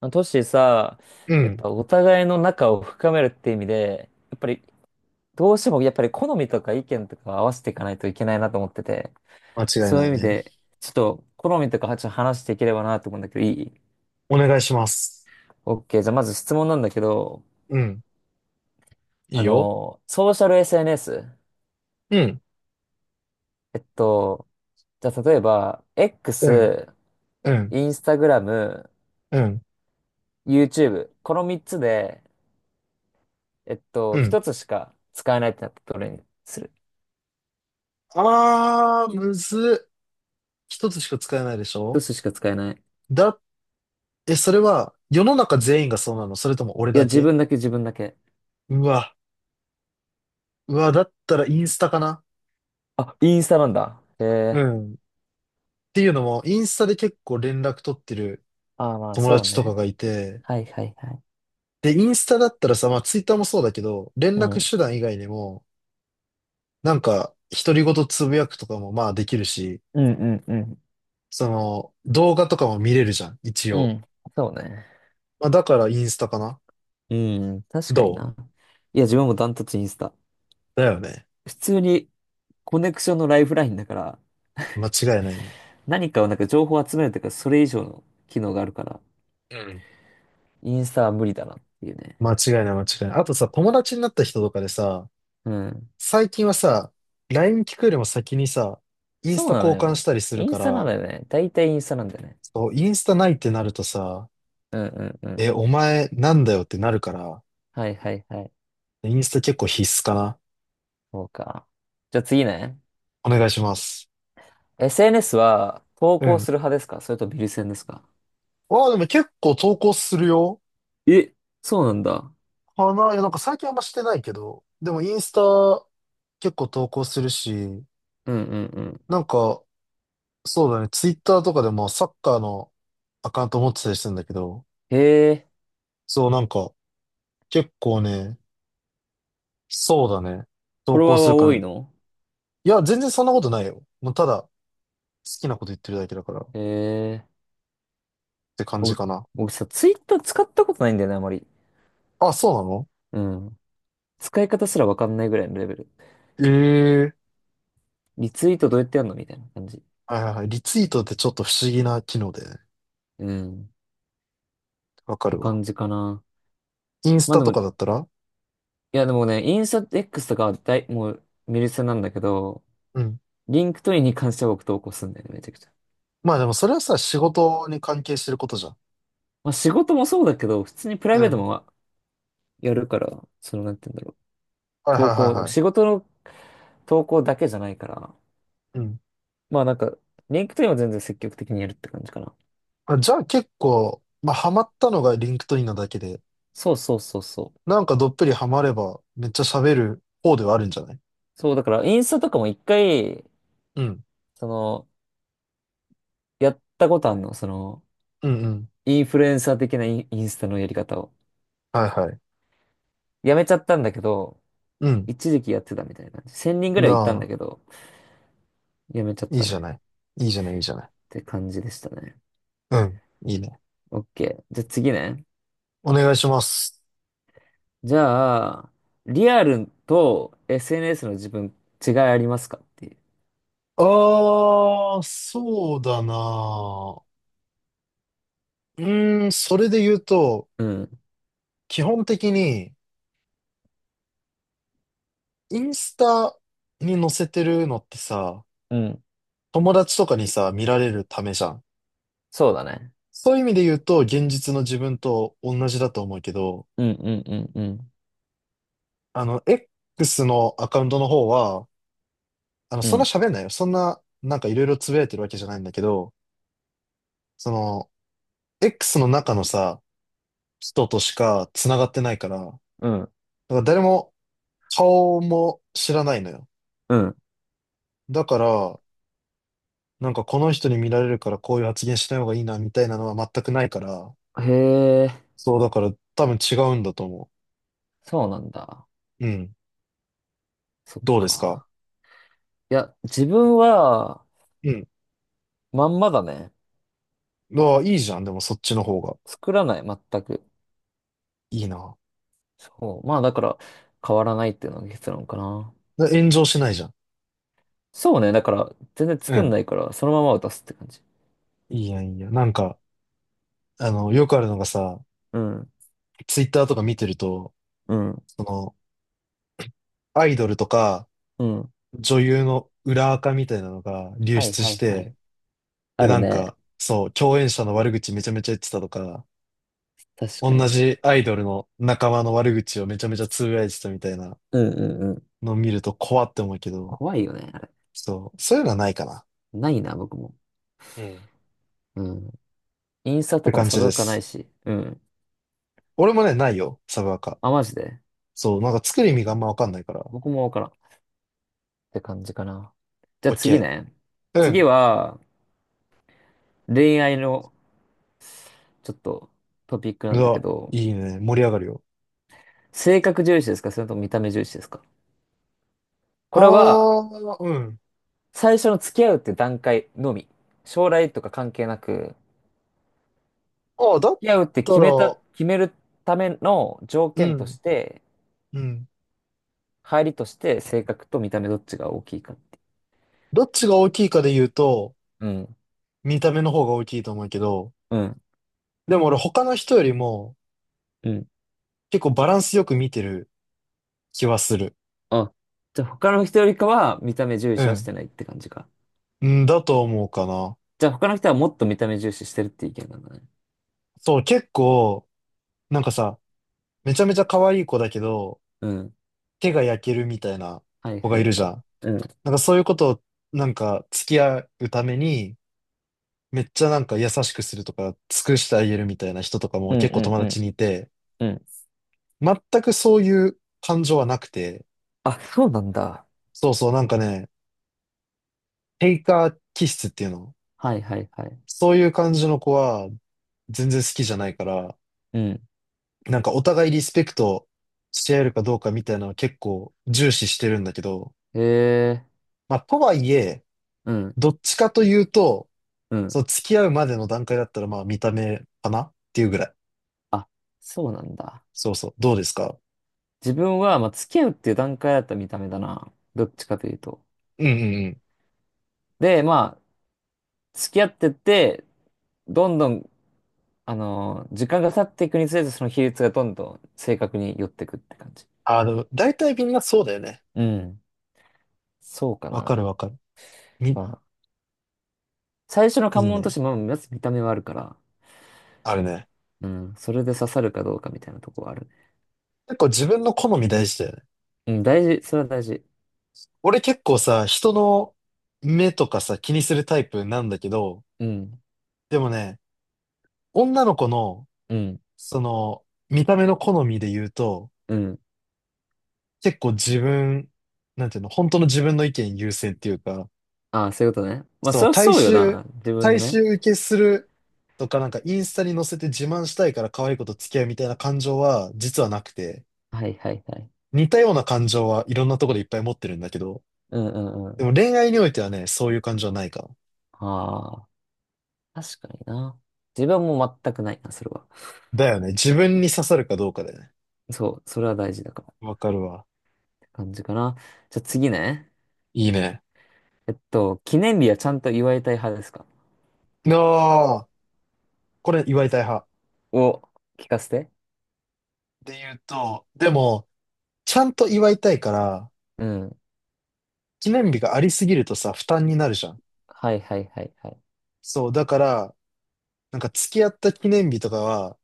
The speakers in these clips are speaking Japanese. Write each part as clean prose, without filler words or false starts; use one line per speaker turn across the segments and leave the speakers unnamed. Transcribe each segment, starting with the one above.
まあトシさ、
う
やっ
ん。
ぱお互いの仲を深めるって意味で、やっぱりどうしてもやっぱり好みとか意見とか合わせていかないといけないなと思ってて、
間違い
そうい
な
う
い
意味
ね。
で、ちょっと好みとかちょっと話していければなと思うんだけど、いい？
お願いします。
OK。じゃあまず質問なんだけど、
うん。いいよ。
ソーシャル SNS。
うん。
えっと、じゃあ例えば、
う
X、
ん。うん。
Instagram、
うん。
YouTube。この3つで、
うん。
1つしか使えないってなったらどれにする？
あー、むずっ。一つしか使えないでし
1
ょ？
つしか使えない。
だ、え、それは、世の中全員がそうなの？それとも俺
いや、
だ
自
け？
分だけ自分だけ。
うわ。うわ、だったらインスタかな。
あ、インスタなんだ。へ
う
え。
ん。っていうのも、インスタで結構連絡取ってる
ああ、まあ、
友
そう
達とか
ね。
がいて、
はいはいはい。
で、インスタだったらさ、まあ、ツイッターもそうだけど、連
う
絡
ん。
手段以外にも、なんか、独り言つぶやくとかもまあできるし、
うんうんうん。
その、動画とかも見れるじゃん、一
う
応。
ん。そうね。
まあ、だからインスタかな。
うん。確
ど
かにな。いや、自分もダントツインスタ。
うだよね。
普通にコネクションのライフラインだから、
間違いないね。
何かを情報を集めるというか、それ以上の機能があるから、
うん。
インスタは無理だなっていうね。
間違いない間違いない。あとさ、友達になった人とかでさ、
うん。
最近はさ、LINE 聞くよりも先にさ、インス
そう
タ
なの
交換し
よ。
たりする
イン
か
スタなん
ら、
だよね。大体インスタなんだよね。
そう、インスタないってなるとさ、
うんうんうん。
え、お前なんだよってなるから、
はいはいはい。
インスタ結構必須かな。
そうか。じゃあ次ね。
お願いします。
SNS は投
う
稿
ん。
する派ですかそれとビル戦ですか？
ああ、でも結構投稿するよ、
え、そうなんだ。
かな。いや、なんか最近あんましてないけど、でもインスタ結構投稿するし、
うんうんうん。
なんか、そうだね、ツイッターとかでもサッカーのアカウント持ってたりするんだけど、
へえ、
そう、なんか、結構ね、そうだね、
フォ
投
ロワ
稿
ー
する
は
から、
多
い
いの？
や、全然そんなことないよ。もうただ、好きなこと言ってるだけだから、っ
へえ。
て感じ
僕、
かな。
僕さ、ツイッター使ったことないんだよね、あまり。
あ、そうなの？
うん。使い方すらわかんないぐらいのレベル。
ええー。
リツイートどうやってやるのみたいな感じ。
はいはいはい。リツイートってちょっと不思議な機能でね、
うん。っ
わか
て
るわ。
感じかな。
インス
まあ
タ
で
と
も、
か
い
だったら。
やでもね、インスタ X とかはもう見る専なんだけど、
うん。
リンクトインに関しては僕投稿するんだよね、めちゃくちゃ。
まあでもそれはさ、仕事に関係してることじゃん。
まあ仕事もそうだけど、普通にプライ
う
ベート
ん。
もやるから、なんて言うんだろう。
はいはいはいは
仕事の投稿だけじゃないから、
い。うん。
まあなんか、リンクトインは全然積極的にやるって感じかな。
あ、じゃあ結構、まあ、ハマったのがリンクトインなだけで、
そうそうそうそう。
なんかどっぷりハマれば、めっちゃ喋る方ではあるんじゃない？
そう、だからインスタとかも一回、
うん。
その、やったことあんの、
うんうん。
インフルエンサー的なインスタのやり方を。
はいはい。
やめちゃったんだけど、
うん。
一時期やってたみたいな感じ。1000人ぐらい行ったんだ
な
けど、やめちゃっ
あ、いい
た
じゃな
ね。
い。いいじゃない、いいじゃな
っ
い。
て感じでしたね。
うん。いいね。
OK。じゃあ次ね。
お願いします。
じゃあ、リアルと SNS の自分違いありますかっていう。
ああ、そうだな。うーん、それで言うと、
うん。
基本的に、インスタに載せてるのってさ、
うん
友達とかにさ、見られるためじゃん。
そうだね。
そういう意味で言うと、現実の自分と同じだと思うけど、
うんうんうんうん。
あの、X のアカウントの方は、あの、
う
そんな
ん。
喋んないよ。そんな、なんかいろいろつぶやいてるわけじゃないんだけど、その、X の中のさ、人としか繋がってないから、だか
うん
ら誰も顔も知らないのよ。
う
だから、なんかこの人に見られるからこういう発言しない方がいいな、みたいなのは全くないから、
ん。へえ、
そう、だから多分違うんだと思
そうなんだ。
う。うん。
そっ
どうですか？
か。いや、自分は、
うん。
まんまだね。
ああ、いいじゃん。でもそっちの方が
作らない、全く。
いいな。
そう。まあ、だから、変わらないっていうのが結論かな。
炎上しないじゃん。
そうね。だから、全然
う
作ん
ん。
ないから、そのまま渡すって感じ。
いいやん、いいやん。なんか、あの、よくあるのがさ、
うん。
ツイッターとか見てると、
うん。
その、アイドルとか、
うん。
女優の裏垢みたいなのが流
はい
出
は
し
いはい。
て、で、
ある
なん
ね。
か、そう、共演者の悪口めちゃめちゃ言ってたとか、
確かに
同
ね。
じアイドルの仲間の悪口をめちゃめちゃつぶやいてたみたいな
うんうんうん。
のを見ると怖って思うけど、
怖いよね、あれ。
そう、そういうのはないかな。
ないな、僕も。
うん。っ
うん。インスタと
て
かも
感
サ
じ
ブア
で
カない
す。
し。うん。
俺もね、ないよ、サブアカ。
あ、マジで。
そう、なんか作る意
そ
味
う
があんまわかんないから。オ
僕もわからんって感じかな。じゃあ
ッ
次
ケ
ね。
ー。う
次
ん。
は、恋愛のちょっとトピックな
う
んだけ
わ、
ど、
いいね。盛り上がるよ。
性格重視ですかそれとも見た目重視ですか？こ
あ
れは、
あ、うん。
最初の付き合うって段階のみ。将来とか関係なく、付
ああ、だっ
き合うって
たら、
決めるための条
う
件と
ん、
して、
うん。
入りとして性格と見た目どっちが大きいかってい
どっちが大きいかで言うと、
う。うん。
見た目の方が大きいと思うけど、
うん。
でも俺他の人よりも
うん。
結構バランスよく見てる気はする。
あ、じゃあ他の人よりかは見た目重
う
視はし
ん。
てないって感じか。
うん、だと思うかな。
じゃあ他の人はもっと見た目重視してるって意見なんだね。
そう、結構、なんかさ、めちゃめちゃ可愛い子だけど、
うん。
手が焼けるみたいな
はい
子
は
がい
い
るじ
は
ゃ
い。
ん。
うん。
なんかそういうことを、なんか付き合うために、めっちゃなんか優しくするとか、尽くしてあげるみたいな人とかも
うん
結構
うん
友
う
達
ん
にいて、
うん。
全くそういう感情はなくて、
あ、そうなんだ。
そうそうなんかね、テイカー気質っていうの。
はいはいはい。
そういう感じの子は全然好きじゃないから、
うん。
なんかお互いリスペクトし合えるかどうかみたいなのは結構重視してるんだけど、
へえ。
まあとはいえ、
うん。
どっちかというと、
うん。
そう付き合うまでの段階だったらまあ見た目かなっていうぐらい。
あ、そうなんだ。
そうそう。どうですか？
自分は、まあ、付き合うっていう段階だった見た目だな。どっちかというと。
うんうんうん。
で、まあ、付き合ってって、どんどん、時間が経っていくにつれて、その比率がどんどん正確に寄ってくって感じ。
あの、大体みんなそうだよね。
うん。そうか
わか
な。
るわかる。み、
まあ、最初の
い
関
い
門と
ね。
して、まあ、まず見た目はあるから、
あるね。
うん。それで刺さるかどうかみたいなとこはあるね。
結構自分の好み大事だよね。
うん、大事。それは大事。
俺結構さ、人の目とかさ、気にするタイプなんだけど、
うん、
でもね、女の子の、
うん。
その、見た目の好みで言うと、
うん。
結構自分、なんていうの、本当の自分の意見優先っていうか、
ああ、そういうことね。まあ、
そ
そ
う、
りゃそうよな。自分の
大
ね。
衆受けするとか、なんかインスタに載せて自慢したいから可愛い子と付き合うみたいな感情は、実はなくて、
はいはいはい。
似たような感情はいろんなところでいっぱい持ってるんだけど、
うんうんう
で
ん。
も恋愛においてはね、そういう感じはないかも。
ああ、確かにな。自分はもう全くないな、それは。
だよね。自分に刺さるかどうかだよね。
そう、それは大事だからっ
わかるわ。
て感じかな。じゃあ次ね。
いいね。
記念日はちゃんと祝いたい派ですか
ああ、これ祝いたい派。
を聞かせて。
で言うと、でも、ちゃんと祝いたいから、
うん。
記念日がありすぎるとさ、負担になるじゃん。
はいはいはいはい。
そう、だから、なんか付き合った記念日とかは、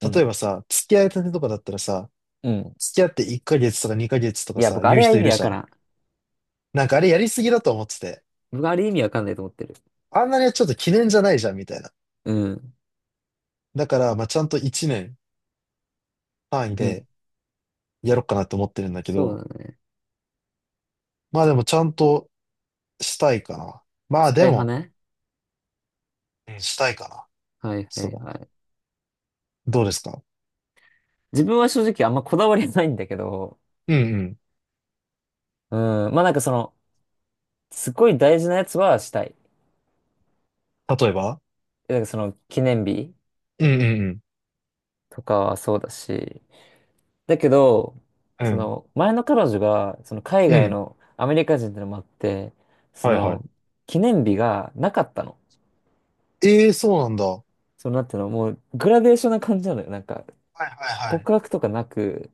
う
例え
ん、
ばさ、付き合いたてとかだったらさ、
うん、
付き合って1ヶ月とか2ヶ月とか
いや、
さ、
僕あ
言う
れは
人
意
いる
味わ
じゃ
か
ん。
らん。
なんかあれやりすぎだと思ってて、
僕あれ意味わかんないと思ってる。
あんなにはちょっと記念じゃないじゃん、みたいな。
うん
だから、まあ、ちゃんと1年単位
うん。
で、やろうかなと思ってるんだけ
そう
ど、
だね。
まあでもちゃんとしたいかな。まあで
伝え派
も、
ね。
うん、したいかな。
はいは
そう
い
だ。
はい。
どうですか？
自分は正直あんまこだわりないんだけど、
うんうん。
うん、まあなんかすごい大事なやつはしたい。
例えば、
なんか記念日
うんうん
とかはそうだし、だけど、
うん。うん。
前の彼女が、その海
う
外
ん。
のアメリカ人ってのもあって、そ
はいは
の、
い。
記念日がなかったの。
ええ、そうなんだ。はい
なんていうの、もうグラデーションな感じなのよ。なんか、
はいはい。
告白とかなく、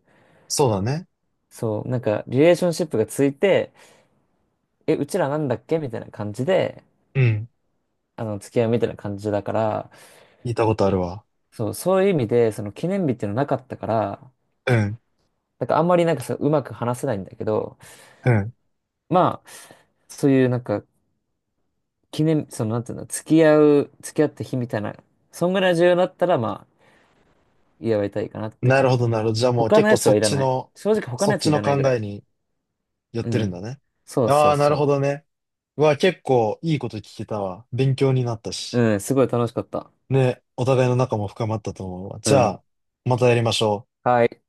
そうだね。
そう、なんか、リレーションシップがついて、え、うちらなんだっけみたいな感じで、
うん。
付き合いみたいな感じだから、
聞いたことあるわ。
そう、そういう意味で、その記念日っていうのなかったから、
うん。
なんかあんまりなんかそう、うまく話せないんだけど、
うん。
まあ、そういうなんか、記念、その、なんていうの、付き合った日みたいな、そんぐらい重要だったら、まあ、祝いたいかなって
なる
感
ほ
じ。
どなるほど。じゃあもう
他の
結構
やつはいらない。正直他
そ
の
っ
やつ
ち
い
の
らな
考
いぐらい。
えに寄っ
う
てるんだ
ん。
ね。
そうそ
あ
う
あ、なるほ
そ
どね。うわ、結構いいこと聞けたわ。勉強になった
う。
し。
うん、すごい楽しかった。
ね、お互いの仲も深まったと思うわ。
う
じゃ
ん。
あ、またやりましょう。
はい。